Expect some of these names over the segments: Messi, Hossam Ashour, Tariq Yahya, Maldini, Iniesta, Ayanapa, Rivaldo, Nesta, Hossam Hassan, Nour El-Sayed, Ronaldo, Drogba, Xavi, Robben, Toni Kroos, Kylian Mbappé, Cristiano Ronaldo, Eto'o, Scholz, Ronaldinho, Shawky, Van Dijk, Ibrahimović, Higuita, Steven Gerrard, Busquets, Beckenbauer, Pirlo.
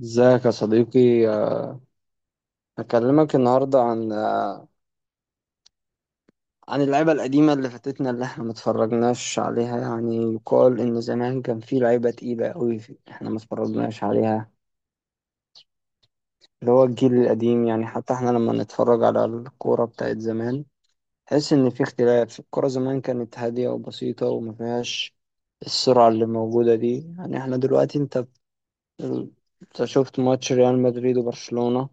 ازيك يا صديقي؟ هكلمك النهاردة عن اللعيبة القديمة اللي فاتتنا، اللي احنا متفرجناش عليها. يعني يقال ان زمان كان في لعيبة تقيلة قوي احنا متفرجناش عليها، اللي هو الجيل القديم. يعني حتى احنا لما نتفرج على الكورة بتاعت زمان، تحس ان في اختلاف. الكورة زمان كانت هادية وبسيطة وما فيهاش السرعة اللي موجودة دي. يعني احنا دلوقتي انت شفت ماتش ريال مدريد وبرشلونة.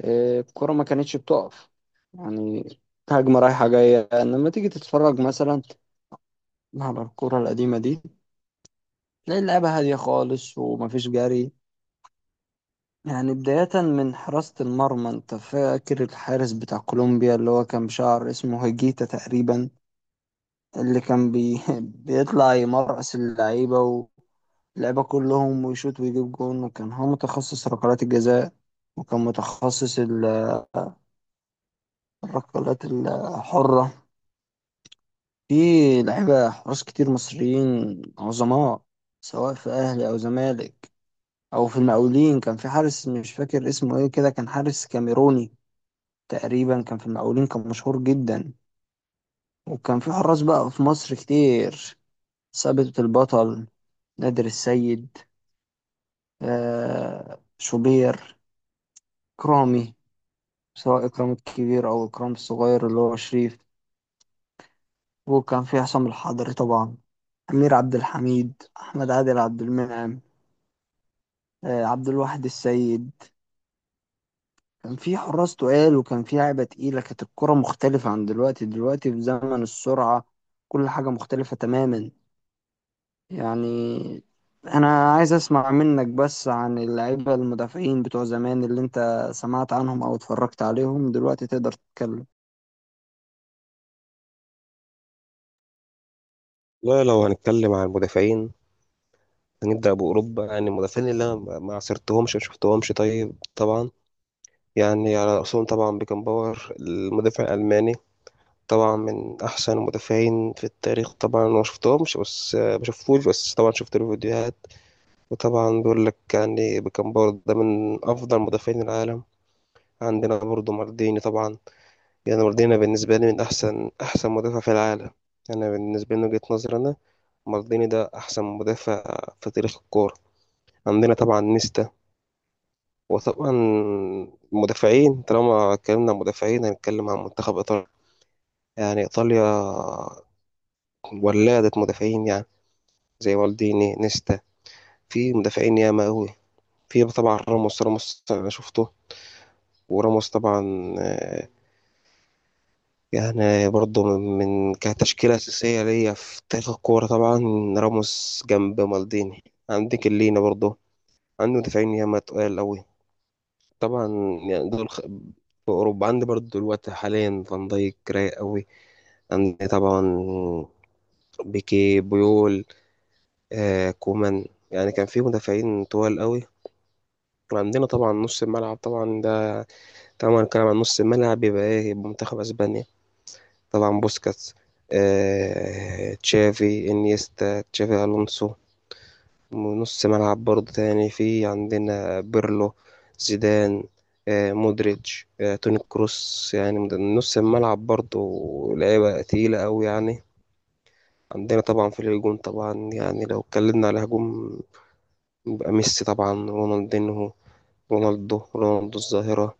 الكرة ما كانتش بتقف، يعني هجمة رايحة جاية. لما تيجي تتفرج مثلا على الكرة القديمة دي، تلاقي اللعبة هادية خالص ومفيش جري. يعني بداية من حراسة المرمى، انت فاكر الحارس بتاع كولومبيا اللي هو كان بشعر، اسمه هيجيتا تقريبا، اللي كان بيطلع يمرقص اللعيبة واللعيبة كلهم ويشوط ويجيب جون، وكان هو متخصص ركلات الجزاء، وكان متخصص الركلات الحرة. في لعيبة حراس كتير مصريين عظماء، سواء في أهلي أو زمالك أو في المقاولين. كان في حارس مش فاكر اسمه إيه كده، كان حارس كاميروني تقريبا، كان في المقاولين، كان مشهور جدا. وكان في حراس بقى في مصر كتير: ثابت البطل، نادر السيد، شوبير، إكرامي، سواء إكرام الكبير أو إكرام الصغير اللي هو شريف، وكان في حسام الحضري طبعا، أمير عبد الحميد، أحمد عادل، عبد المنعم، عبد الواحد السيد. كان في حراس تقال وكان في لعبة تقيلة. كانت الكرة مختلفة عن دلوقتي. دلوقتي في زمن السرعة كل حاجة مختلفة تماما. يعني أنا عايز أسمع منك بس عن اللعيبة المدافعين بتوع زمان اللي أنت سمعت عنهم أو اتفرجت عليهم. دلوقتي تقدر تتكلم. لا، لو هنتكلم عن المدافعين هنبدأ بأوروبا. يعني المدافعين اللي أنا ما عاصرتهمش ما شفتهمش، طيب طبعا يعني على رأسهم طبعا بيكنباور المدافع الألماني. طبعا من أحسن المدافعين في التاريخ. طبعا أنا ما شفتهمش بس ما شفتوش، بس طبعا شفت له فيديوهات. وطبعا بيقول لك يعني بيكنباور ده من أفضل مدافعين العالم. عندنا برضه مارديني طبعا. يعني مارديني بالنسبة لي من أحسن مدافع في العالم. أنا بالنسبة لي من وجهة نظري أنا، مارديني ده أحسن مدافع في تاريخ الكورة. عندنا طبعا نيستا، وطبعا المدافعين طالما اتكلمنا عن مدافعين هنتكلم عن منتخب إيطاليا. يعني إيطاليا ولادة مدافعين يعني، زي والديني، نيستا. في مدافعين ياما أوي. في طبعا راموس. راموس أنا شفته، وراموس طبعا آه، يعني برضه من كتشكيلة أساسية ليا في تاريخ الكورة. طبعا راموس جنب مالديني. عندك اللينا برضه. عنده مدافعين ياما تقال أوي طبعا. يعني دول خ... في أوروبا عندي برضو دلوقتي حاليا فان دايك، رايق أوي. عندي طبعا بيكي، بيول، آه كومان. يعني كان في مدافعين طوال أوي. وعندنا طبعا نص الملعب طبعا ده. طبعا هنتكلم عن نص الملعب، يبقى إيه؟ يبقى منتخب أسبانيا. طبعا بوسكاتس، آه تشافي، إنيستا، تشافي ألونسو. ونص ملعب برضه تاني في عندنا بيرلو، زيدان، مودريتش، توني كروس، يعني من نص الملعب برضه لعيبة تقيلة أوي يعني. عندنا طبعا في الهجوم، طبعا يعني لو اتكلمنا على هجوم يبقى ميسي طبعا، رونالدينهو، رونالدو، رونالدو الظاهرة.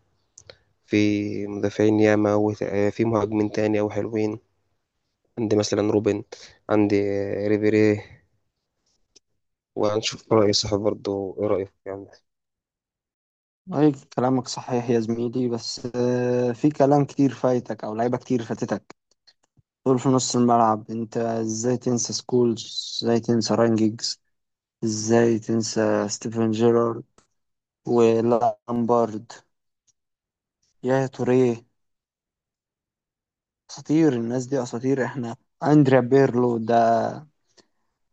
في مدافعين ياما في مهاجمين تاني أوي حلوين. عندي مثلا روبن، عندي ريبيري. وهنشوف رأي صاحب برضه، إيه رأيك يعني؟ أي كلامك صحيح يا زميلي، بس في كلام كتير فايتك أو لعيبة كتير فاتتك. دول في نص الملعب. أنت إزاي تنسى سكولز؟ إزاي تنسى رانجيجز؟ ازاي تنسى ستيفن جيرارد ولامبارد يا توريه؟ اساطير، الناس دي اساطير. احنا اندريا بيرلو ده،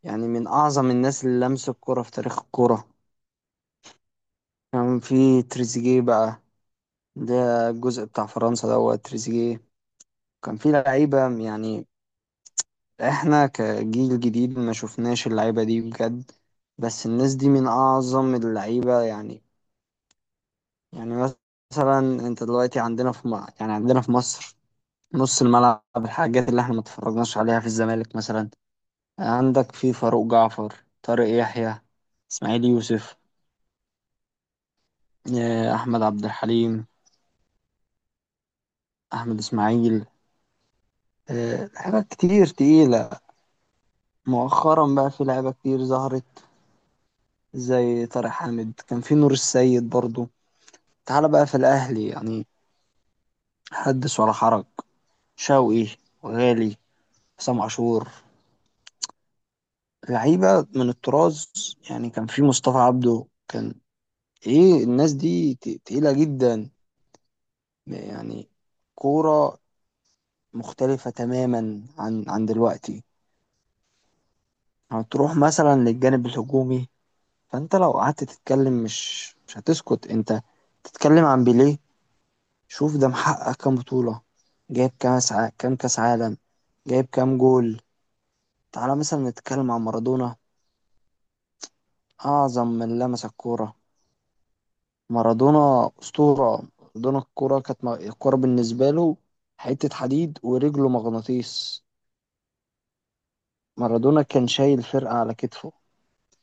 يعني من اعظم الناس اللي لمسوا الكرة في تاريخ الكرة. كان في تريزيجيه بقى، ده الجزء بتاع فرنسا دوت تريزيجيه. كان في لعيبة، يعني احنا كجيل جديد ما شفناش اللعيبة دي بجد، بس الناس دي من اعظم اللعيبة. يعني يعني مثلا انت دلوقتي عندنا يعني عندنا في مصر، نص الملعب الحاجات اللي احنا ما اتفرجناش عليها في الزمالك مثلا: عندك في فاروق جعفر، طارق يحيى، اسماعيل يوسف، احمد عبد الحليم، احمد اسماعيل، حاجات كتير تقيلة. مؤخرا بقى في لعيبة كتير ظهرت زي طارق حامد. كان في نور السيد برضو. تعال بقى في الاهلي، يعني حدث ولا حرج: شوقي وغالي، حسام عاشور، لعيبة من الطراز. يعني كان في مصطفى عبده. كان ايه الناس دي، تقيلة جدا. يعني كورة مختلفة تماما عن دلوقتي. هتروح مثلا للجانب الهجومي، فانت لو قعدت تتكلم مش هتسكت. انت تتكلم عن بيليه، شوف ده محقق كام بطولة، جايب كام كام كاس عالم، جايب كام جول. تعالى مثلا نتكلم عن مارادونا، اعظم من لمس الكورة. مارادونا اسطورة. مارادونا الكورة كانت الكورة بالنسبة له حتة حديد ورجله مغناطيس. مارادونا كان شايل فرقة على كتفه،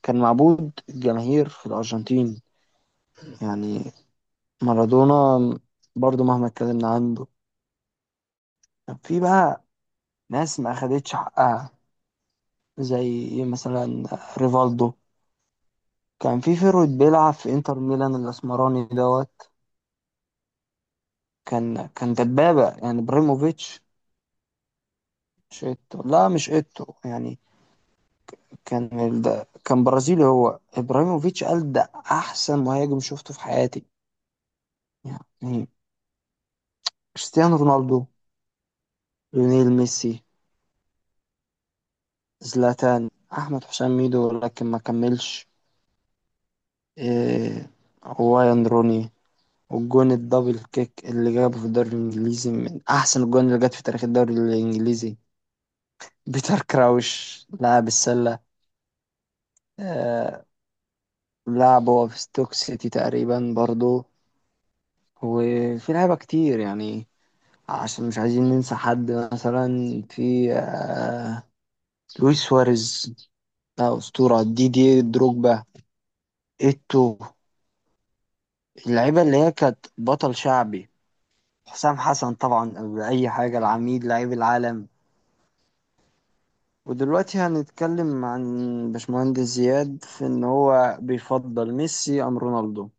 كان معبود الجماهير في الأرجنتين. يعني مارادونا، برضو مهما اتكلمنا عنه. كان في بقى ناس ما أخدتش حقها، زي مثلا ريفالدو. كان في فيرويد بيلعب في انتر ميلان الأسمراني دوت، كان دبابة، يعني ابراهيموفيتش. مش ايتو، لا مش ايتو، يعني كان ده كان برازيلي. هو ابراهيموفيتش قال ده احسن مهاجم شفته في حياتي. يعني كريستيانو رونالدو، ليونيل ميسي، زلاتان، أحمد حسام ميدو لكن ما كملش. إيه، وايان روني والجون الدبل كيك اللي جابه في الدوري الإنجليزي، من أحسن الجون اللي جت في تاريخ الدوري الإنجليزي. بيتر كراوش لاعب السلة، آه لعب هو في ستوك سيتي تقريبا برضو. وفي لعيبة كتير يعني، عشان مش عايزين ننسى حد. مثلا في لويس سواريز، ده أسطورة. دي دروجبا، إيتو، اللعيبة اللي هي كانت بطل شعبي. حسام حسن طبعا، قبل أي حاجة، العميد، لعيب العالم. ودلوقتي هنتكلم عن باشمهندس زياد في إن هو بيفضل ميسي أم رونالدو؟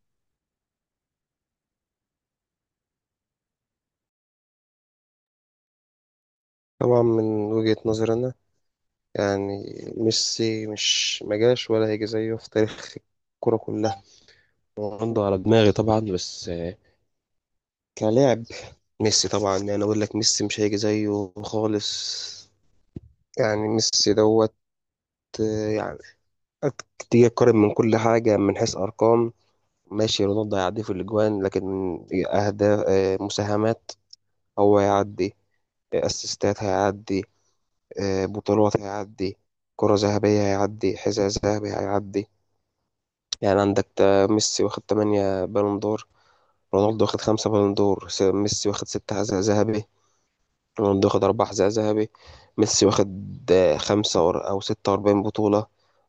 طبعا من وجهة نظري أنا، يعني ميسي مش مجاش ولا هيجي زيه في تاريخ الكرة كلها. رونالدو على دماغي طبعا، بس كلاعب ميسي طبعا، يعني أقول لك ميسي مش هيجي زيه خالص. يعني ميسي دوت، يعني تيجي تقارن من كل حاجة، من حيث أرقام ماشي، رونالدو هيعدي في الأجوان، لكن أهداف، مساهمات هو هيعدي، أسيستات هيعدي، بطولات هيعدي، كرة ذهبية هيعدي، حذاء ذهبي هيعدي. يعني عندك ميسي واخد 8 بالون دور، رونالدو واخد 5 بالون دور. ميسي واخد 6 حذاء ذهبي، رونالدو واخد 4 حذاء ذهبي. ميسي واخد خمسة أو 46 بطولة،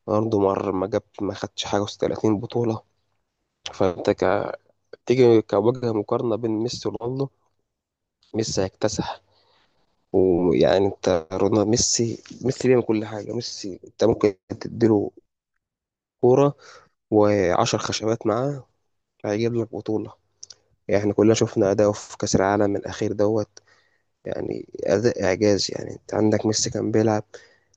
رونالدو ما جاب ما خدش حاجة و30 بطولة. فأنت ك... تيجي كوجه مقارنة بين ميسي ورونالدو، ميسي هيكتسح. ويعني انت، رونالدو، ميسي بيعمل كل حاجة. ميسي انت ممكن تديله كورة وعشر خشبات معاه هيجيب لك بطولة. يعني احنا كلنا شفنا أداؤه في كأس العالم الأخير دوت. يعني أداء إعجازي. يعني أنت عندك ميسي كان بيلعب،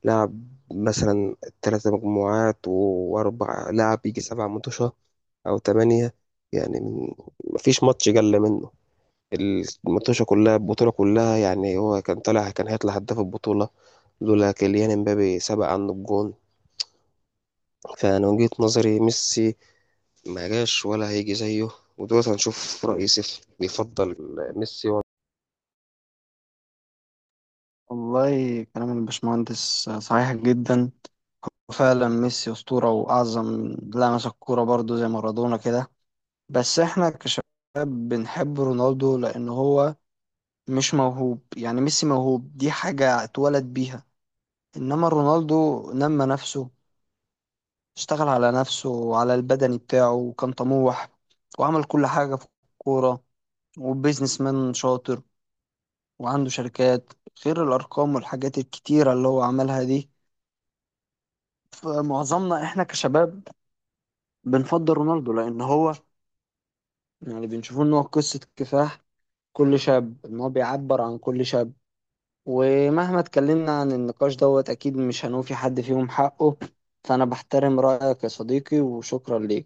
لعب مثلا 3 مجموعات و4 لعب، يجي 7 ماتشات أو تمانية. يعني من- مفيش ماتش جل منه، الماتشة كلها، البطولة كلها. يعني هو كان طالع، كان هيطلع هداف البطولة لولا كيليان امبابي سبق عنه الجون. فأنا من وجهة نظري ميسي ما جاش ولا هيجي زيه. ودلوقتي هنشوف رأي سيف، بيفضل ميسي ولا والله كلام الباشمهندس صحيح جدا، وفعلا ميسي أسطورة وأعظم لمس الكورة برضه زي مارادونا كده. بس إحنا كشباب بنحب رونالدو لأن هو مش موهوب. يعني ميسي موهوب، دي حاجة اتولد بيها، إنما رونالدو نمى نفسه، اشتغل على نفسه وعلى البدني بتاعه وكان طموح، وعمل كل حاجة في الكورة. وبيزنس مان شاطر وعنده شركات، غير الأرقام والحاجات الكتيرة اللي هو عملها دي. فمعظمنا إحنا كشباب بنفضل رونالدو، لأن هو يعني بنشوفه إن هو قصة كفاح كل شاب، إن هو بيعبر عن كل شاب. ومهما اتكلمنا عن النقاش دوت أكيد مش هنوفي حد فيهم حقه. فأنا بحترم رأيك يا صديقي وشكرا ليك.